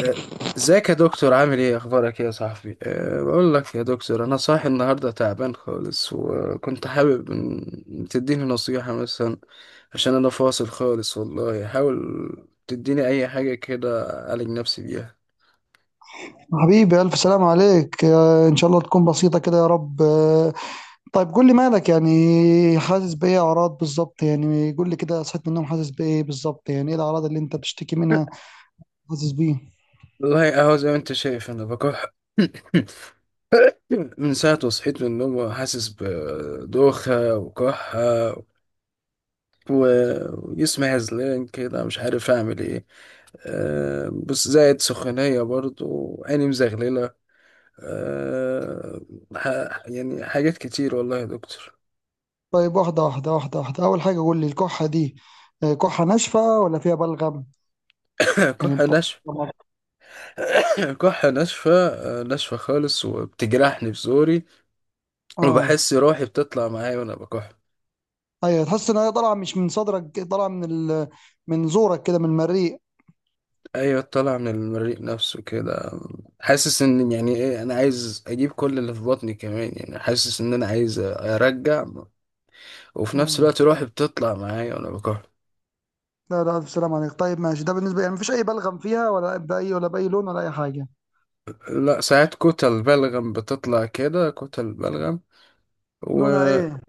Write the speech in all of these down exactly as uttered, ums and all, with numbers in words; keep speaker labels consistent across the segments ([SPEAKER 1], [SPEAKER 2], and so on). [SPEAKER 1] آه، ازيك يا دكتور، عامل ايه؟ اخبارك ايه يا صاحبي؟ أه بقول لك يا دكتور، انا صاحي النهارده تعبان خالص، وكنت حابب ان تديني نصيحة مثلا، عشان انا فاصل خالص والله. حاول تديني اي حاجة كده اعالج نفسي بيها.
[SPEAKER 2] حبيبي ألف سلام عليك آه، إن شاء الله تكون بسيطة كده يا رب. آه، طيب قول لي مالك يعني، حاسس بإيه؟ أعراض بالظبط، يعني قول لي كده صحيت من النوم حاسس بإيه بالظبط، يعني إيه الأعراض اللي أنت بتشتكي منها؟ حاسس بإيه؟
[SPEAKER 1] والله اهو زي ما انت شايف انا بكح من ساعة ما صحيت من النوم وحاسس بدوخة وكحة، و- وجسمي هزلان كده، مش عارف اعمل ايه. آه، بس زائد سخونية، برضو عيني مزغللة. آه، ح- يعني حاجات كتير والله يا دكتور.
[SPEAKER 2] طيب، واحدة واحدة واحدة واحدة، أول حاجة قول لي الكحة دي، آه، كحة ناشفة ولا فيها بلغم؟ يعني
[SPEAKER 1] كحة ناشفة.
[SPEAKER 2] بتطلع؟
[SPEAKER 1] كحة ناشفة، آه، ناشفة خالص، وبتجرحني في زوري،
[SPEAKER 2] آه.
[SPEAKER 1] وبحس روحي بتطلع معايا وأنا بكح.
[SPEAKER 2] أيوة، تحس إن هي طالعة مش من صدرك، طالعة من ال... من زورك كده، من المريء.
[SPEAKER 1] أيوة، طالعة من المريء نفسه كده. حاسس إن يعني إيه، أنا عايز أجيب كل اللي في بطني كمان، يعني حاسس إن أنا عايز أرجع، وفي نفس
[SPEAKER 2] مم.
[SPEAKER 1] الوقت روحي بتطلع معايا وأنا بكح.
[SPEAKER 2] لا لا، ألف سلام عليك. طيب ماشي، ده بالنسبة يعني مفيش أي بلغم فيها، ولا بأي ولا بأي لون ولا أي حاجة؟
[SPEAKER 1] لا، ساعات كتل بلغم بتطلع كده، كتل بلغم،
[SPEAKER 2] لونها ايه؟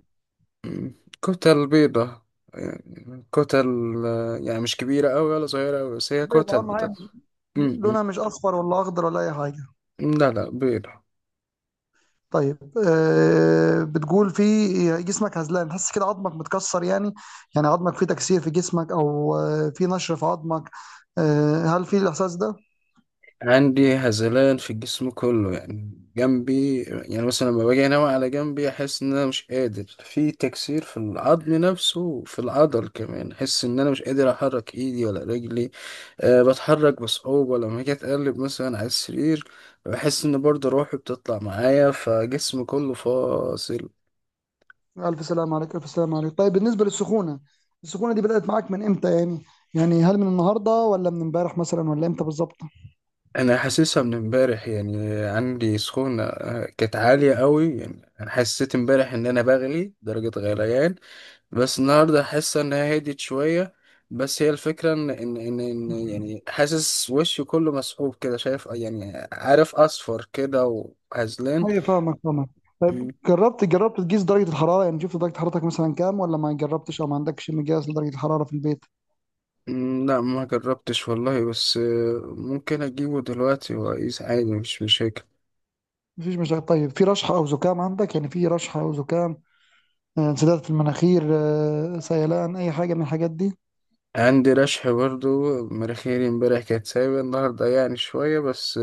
[SPEAKER 1] وكتل بيضة، يعني كتل، آه، يعني مش كبيرة أوي ولا صغيرة أوي، بس هي
[SPEAKER 2] بيضة،
[SPEAKER 1] كتل
[SPEAKER 2] اهم حاجه
[SPEAKER 1] بتطلع. م-
[SPEAKER 2] لونها مش اصفر ولا اخضر ولا اي حاجه.
[SPEAKER 1] م. لا لا، بيضة.
[SPEAKER 2] طيب. آه، بتقول في جسمك هزلان، تحس كده عظمك متكسر يعني؟ يعني عظمك فيه تكسير في جسمك، او آه في نشر في عظمك، آه، هل في الاحساس ده؟
[SPEAKER 1] عندي هزلان في الجسم كله، يعني جنبي، يعني مثلا لما باجي انام على جنبي احس ان انا مش قادر، في تكسير في العظم نفسه وفي العضل كمان، احس ان انا مش قادر احرك ايدي ولا رجلي. أه، بتحرك بصعوبة لما اجي اتقلب مثلا على السرير، بحس ان برضه روحي بتطلع معايا، فجسم كله فاصل.
[SPEAKER 2] الف سلام عليك، الف سلام عليك. طيب بالنسبه للسخونه، السخونه دي بدات معاك من امتى يعني؟ يعني هل من النهارده ولا من امبارح مثلا ولا امتى بالظبط؟
[SPEAKER 1] انا حاسسها من امبارح، يعني عندي سخونة، آه، كانت عالية قوي، يعني انا حسيت امبارح ان انا بغلي درجة غليان، بس النهارده حاسه ان هي هديت شويه. بس هي الفكره ان ان ان, إن يعني حاسس وشي كله مسحوب كده، شايف، يعني عارف اصفر كده وهزلان.
[SPEAKER 2] ايوه، فاهمك فاهمك. طيب
[SPEAKER 1] م-
[SPEAKER 2] جربت جربت تقيس درجة الحرارة؟ يعني شفت درجة حرارتك مثلا كام، ولا ما جربتش او ما عندكش مقياس لدرجة الحرارة في البيت؟
[SPEAKER 1] م- لا، ما جربتش والله، بس آه، ممكن اجيبه دلوقتي واقيس عادي، مش مشاكل.
[SPEAKER 2] مفيش مشاكل. طيب في رشحة او زكام عندك؟ يعني في رشحة او زكام، آه، انسداد في المناخير، آه، سيلان، اي حاجة من الحاجات دي؟
[SPEAKER 1] عندي رشح برضو، مناخيري امبارح كانت سايبة، النهارده يعني شويه بس.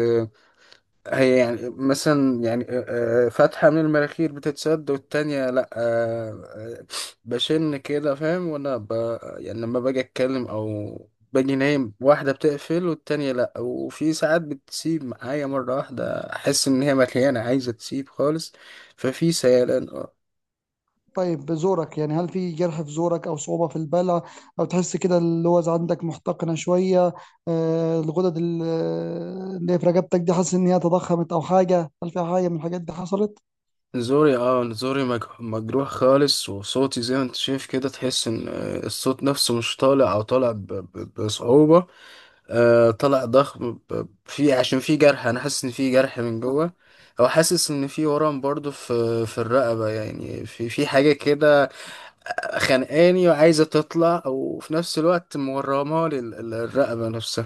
[SPEAKER 1] هي يعني مثلا، يعني آه، آه، فتحة من المناخير بتتسد والتانية لأ. آه، آه، بشن كده، فاهم؟ وأنا ب... يعني لما باجي أتكلم، أو باجي نايم، واحدة بتقفل والتانية لأ، وفي ساعات بتسيب معايا مرة واحدة، أحس إن هي مليانة عايزة تسيب خالص. ففي سيلان اه.
[SPEAKER 2] طيب زورك، يعني هل في جرح في زورك او صعوبة في البلع؟ او تحس كده اللوز عندك محتقنة شوية؟ آه، الغدد ال- آه، اللي في رقبتك دي، حاسس ان هي تضخمت او حاجة؟ هل في حاجة من الحاجات دي حصلت؟
[SPEAKER 1] نزوري اه نزوري مج- مجروح خالص، وصوتي زي ما انت شايف كده، تحس ان آه، الصوت نفسه مش طالع، او طالع ب... ب... بصعوبة. آه طلع ضخم ب- في، عشان في جرح، انا حاسس ان في جرح من جوه، او حاسس ان في ورم برضو في في الرقبه، يعني في في حاجه كده خانقاني وعايزه تطلع، او في نفس الوقت مورمه لي ال- ال- الرقبه نفسها.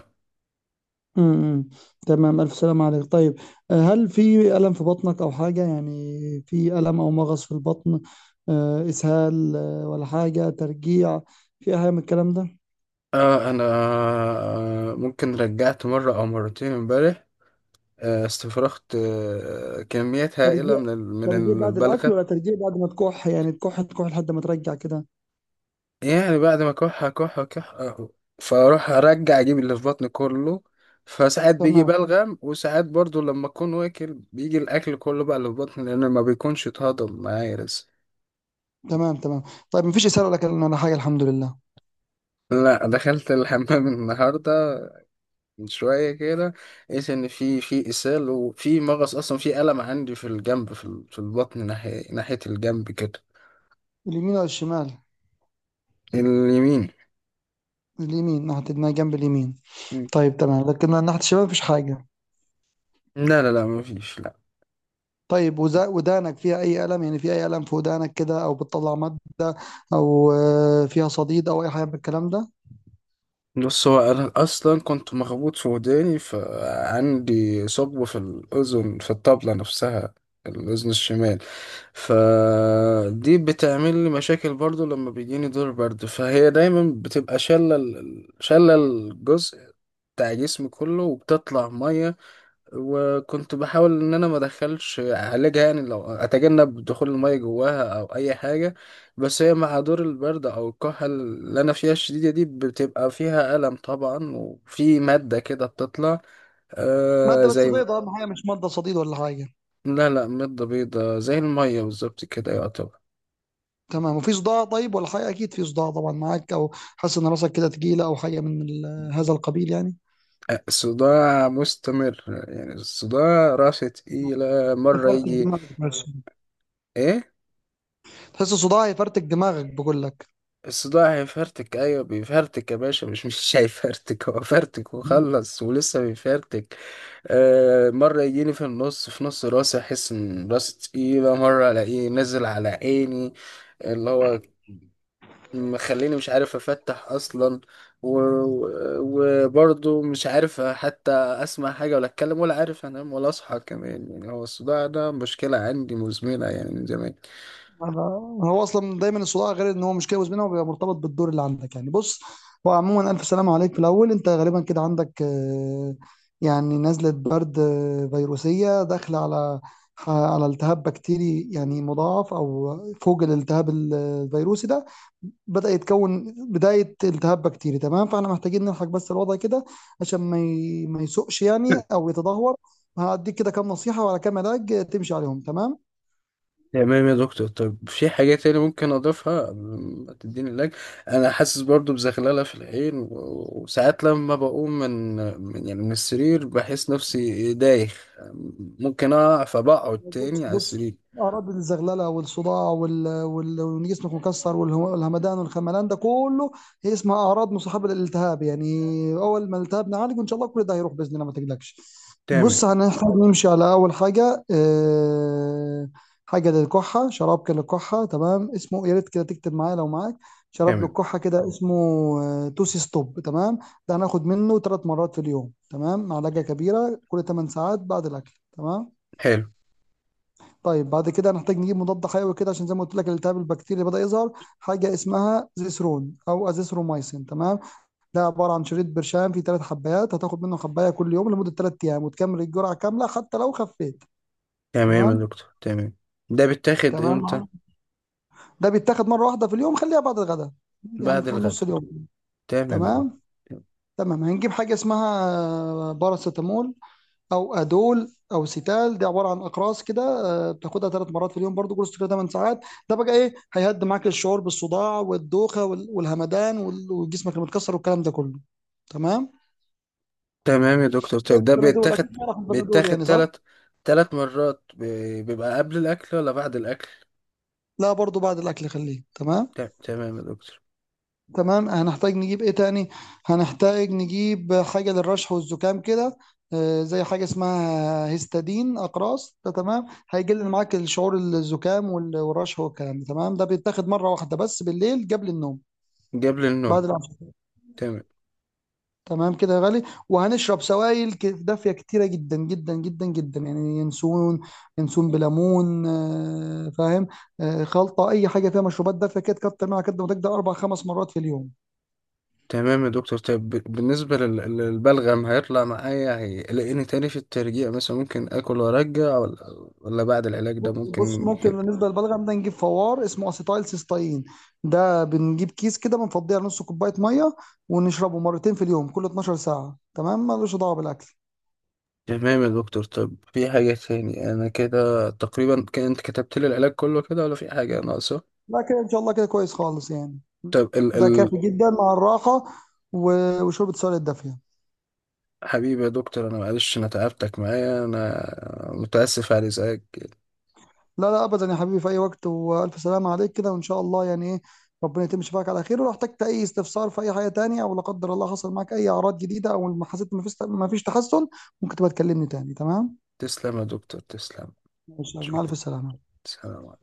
[SPEAKER 2] امم، أمم. تمام، ألف سلام عليك. طيب، آه، هل في ألم في بطنك أو حاجة؟ يعني في ألم أو مغص في البطن، آه، إسهال، آه، ولا حاجة ترجيع، في أي حاجة من الكلام ده؟
[SPEAKER 1] آه انا، آه ممكن رجعت مره او مرتين امبارح، آه استفرغت آه كميات هائله
[SPEAKER 2] ترجيع،
[SPEAKER 1] من ال-
[SPEAKER 2] ترجيع
[SPEAKER 1] من
[SPEAKER 2] بعد الأكل
[SPEAKER 1] البلغم.
[SPEAKER 2] ولا ترجيع بعد ما تكح؟ يعني تكح تكح لحد ما ترجع كده؟
[SPEAKER 1] يعني بعد ما كح كح كح، فاروح ارجع اجيب اللي في بطني كله، فساعات بيجي
[SPEAKER 2] تمام،
[SPEAKER 1] بلغم، وساعات برضو لما اكون واكل بيجي الاكل كله بقى اللي في بطني، لان ما بيكونش اتهضم معايا لسه.
[SPEAKER 2] تمام تمام. طيب مفيش إسهال ولا كلام ولا حاجة الحمد لله؟
[SPEAKER 1] لا، دخلت الحمام النهارده من شويه كده، لقيت ان في في اسهال وفي مغص، اصلا في الم عندي في الجنب، في ال- في البطن، ناحيه ناحيه الجنب كده.
[SPEAKER 2] اليمين ولا الشمال؟
[SPEAKER 1] اليمين.
[SPEAKER 2] اليمين ناحية دماغ، جنب اليمين.
[SPEAKER 1] مم.
[SPEAKER 2] طيب تمام، لكن ناحية الشمال مفيش حاجة.
[SPEAKER 1] لا لا لا، ما فيش، لا.
[SPEAKER 2] طيب، وذا- ودانك فيها أي ألم؟ يعني في أي ألم في ودانك كده، أو بتطلع مادة، أو آه، فيها صديد أو أي حاجة من الكلام ده؟
[SPEAKER 1] بص، هو انا اصلا كنت مخبوط في وداني، فعندي ثقب في الاذن، في الطبله نفسها، الاذن الشمال. فدي بتعمل لي مشاكل برضو، لما بيجيني دور برد فهي دايما بتبقى شاله ال- شاله الجزء بتاع جسمي كله، وبتطلع ميه. وكنت بحاول ان انا ما ادخلش اعالجها، يعني لو اتجنب دخول المية جواها او اي حاجة، بس هي مع دور البرد او الكحة اللي انا فيها الشديدة دي بتبقى فيها ألم طبعا، وفي مادة كده بتطلع، آه
[SPEAKER 2] مادة بس
[SPEAKER 1] زي.
[SPEAKER 2] بيضة أهم حاجة، مش مادة صديد ولا حاجة.
[SPEAKER 1] لا لا، مادة بيضاء زي المية بالظبط كده، يعتبر.
[SPEAKER 2] تمام. وفي صداع طيب ولا حاجة؟ أكيد في صداع طبعا معاك، أو حاسس إن راسك كده تقيلة أو حاجة من ال- هذا القبيل يعني.
[SPEAKER 1] آه، صداع مستمر، يعني الصداع راسه تقيلة مرة
[SPEAKER 2] يفرتك
[SPEAKER 1] يجي.
[SPEAKER 2] دماغك بس؟
[SPEAKER 1] ايه؟
[SPEAKER 2] تحس صداع يفرتك دماغك بقول لك.
[SPEAKER 1] الصداع هيفرتك؟ ايوه بيفرتك يا باشا، مش مش هيفرتك، هو فرتك وخلص، ولسه بيفرتك. آه، مره يجيني في النص، في نص راسي، احس ان راسي تقيله، مره الاقيه نزل على عيني، اللي هو مخليني مش عارف افتح اصلا، و- و- وبرضه مش عارف حتى اسمع حاجه، ولا اتكلم، ولا عارف انام ولا اصحى كمان، يعني هو الصداع ده مشكله عندي مزمنه يعني من زمان.
[SPEAKER 2] أنا- هو اصلا دايما الصداع، غير ان هو مش جاوز منها وبيبقى مرتبط بالدور اللي عندك يعني. بص، هو عموما الف سلامه عليك. في الاول انت غالبا كده عندك آه، يعني نزله برد آه، فيروسيه، داخله على على التهاب بكتيري، يعني مضاعف، او فوق الالتهاب ال- الفيروسي ده بدأ يتكون بداية التهاب بكتيري. تمام، فاحنا محتاجين نلحق بس الوضع كده عشان ما ي... ما يسوقش يعني، او يتدهور. هديك كده كام نصيحة وعلى كام علاج تمشي عليهم، تمام.
[SPEAKER 1] تمام يا دكتور، طب في حاجة تاني ممكن أضيفها قبل ما تديني اللاج. أنا حاسس برضو بزغللة في العين، و- وساعات لما بقوم من من- يعني من السرير بحس نفسي دايخ، ممكن أقع، فبقعد
[SPEAKER 2] بص
[SPEAKER 1] تاني على
[SPEAKER 2] بص،
[SPEAKER 1] السرير.
[SPEAKER 2] اراضي الزغلله والصداع وال... وال... وان جسمك مكسر والهمدان والخملان ده كله، هي اسمها اعراض مصاحبه للالتهاب يعني. اول ما الالتهاب نعالجه ان شاء الله كل ده هيروح باذن الله، ما تقلقش.
[SPEAKER 1] تمام.
[SPEAKER 2] بص، هنحتاج نمشي على اول حاجه، آه، حاجه للكحه، شراب كده للكحه، تمام، اسمه، يا ريت كده تكتب معايا لو معاك. شراب
[SPEAKER 1] تمام.
[SPEAKER 2] للكحه كده اسمه آه، توسي ستوب. تمام، ده هناخد منه ثلاث مرات في اليوم، تمام، معلقه كبيره كل 8 ساعات بعد الاكل. تمام.
[SPEAKER 1] حلو.
[SPEAKER 2] طيب بعد كده هنحتاج نجيب مضاد حيوي كده، عشان زي ما قلت لك الالتهاب البكتيري بدأ يظهر. حاجة اسمها زيسرون أو أزيثروميسين، تمام. ده عبارة عن شريط برشام فيه ثلاث حبايات، هتاخد منه حباية كل يوم لمدة ثلاث أيام وتكمل الجرعة كاملة حتى لو خفيت.
[SPEAKER 1] تمام يا
[SPEAKER 2] تمام،
[SPEAKER 1] دكتور. تمام. ده بيتاخد إمتى؟
[SPEAKER 2] تمام. ده بيتاخد مرة واحدة في اليوم، خليها بعد الغداء، يعني
[SPEAKER 1] بعد
[SPEAKER 2] في نص
[SPEAKER 1] الغداء.
[SPEAKER 2] اليوم.
[SPEAKER 1] تمام يا دكتور.
[SPEAKER 2] تمام. تمام، هنجيب حاجة اسمها باراسيتامول او ادول او سيتال، دي عباره عن اقراص كده، آه، بتاخدها ثلاث مرات في اليوم برضو، كورس كده 8 ساعات. ده بقى ايه، هيهدي معاك الشعور بالصداع والدوخه وال- والهمدان وال- وجسمك المتكسر والكلام ده كله. تمام،
[SPEAKER 1] تمام يا دكتور،
[SPEAKER 2] زي
[SPEAKER 1] طيب ده
[SPEAKER 2] البنادول،
[SPEAKER 1] بيتاخد
[SPEAKER 2] اكيد تعرف البنادول
[SPEAKER 1] بيتاخد
[SPEAKER 2] يعني صح؟
[SPEAKER 1] تلات، تلات مرات بي- بيبقى قبل الأكل ولا بعد الأكل؟
[SPEAKER 2] لا، برضو بعد الاكل خليه. تمام.
[SPEAKER 1] ت- تمام يا دكتور.
[SPEAKER 2] تمام، هنحتاج نجيب ايه تاني، هنحتاج نجيب حاجة للرشح والزكام كده، آه، زي حاجة اسمها هيستادين أقراص ده. تمام، هيقلل معاك الشعور الزكام وال- والرشح والكلام ده. تمام، ده بيتاخد مرة واحدة بس بالليل قبل النوم،
[SPEAKER 1] قبل النوم.
[SPEAKER 2] بعد العشاء.
[SPEAKER 1] تمام.
[SPEAKER 2] تمام كده يا غالي. وهنشرب سوائل ك- دافية كتيرة جدا جدا جدا جدا، يعني ينسون، ينسون بليمون، آه، فاهم؟ آه، خلطة، أي حاجة فيها مشروبات دافية كده تكتر منها قد ما تقدر، أربع خمس مرات في اليوم.
[SPEAKER 1] تمام يا دكتور، طيب ب- بالنسبة لل- للبلغم، هيطلع معايا؟ هيلاقيني تاني في الترجيع مثلا؟ ممكن آكل وأرجع؟ ولا ولا بعد العلاج ده
[SPEAKER 2] بص بص،
[SPEAKER 1] ممكن
[SPEAKER 2] ممكن
[SPEAKER 1] كده؟
[SPEAKER 2] بالنسبه للبلغم ده نجيب فوار اسمه اسيتايل سيستاين. ده بنجيب كيس كده بنفضيه على نص كوبايه ميه، ونشربه مرتين في اليوم كل اتناشر ساعة ساعه، تمام، ملوش دعوه بالاكل.
[SPEAKER 1] تمام يا دكتور، طب في حاجة تاني؟ أنا كده تقريبا، ك- أنت كتبت لي العلاج كله كده ولا في حاجة ناقصة؟
[SPEAKER 2] لا كده ان شاء الله كده كويس خالص يعني،
[SPEAKER 1] طب ال
[SPEAKER 2] ده
[SPEAKER 1] ال...
[SPEAKER 2] كافي جدا مع الراحه و- وشرب السوائل الدافيه.
[SPEAKER 1] حبيبي يا دكتور، أنا معلش أنا تعبتك معايا، أنا متأسف على إزعاجك.
[SPEAKER 2] لا لا ابدا يا حبيبي، في اي وقت، والف سلامه عليك كده، وان شاء الله يعني ايه، ربنا يتم شفاك على خير. ولو احتجت اي استفسار في اي حاجه تانية، او لا قدر الله حصل معاك اي اعراض جديده او ما حسيت، ما فيش ما فيش تحسن، ممكن تبقى تكلمني تاني، تمام؟
[SPEAKER 1] تسلم يا دكتور، تسلم.
[SPEAKER 2] ماشي، مع
[SPEAKER 1] شكرا.
[SPEAKER 2] الف سلامه.
[SPEAKER 1] سلام.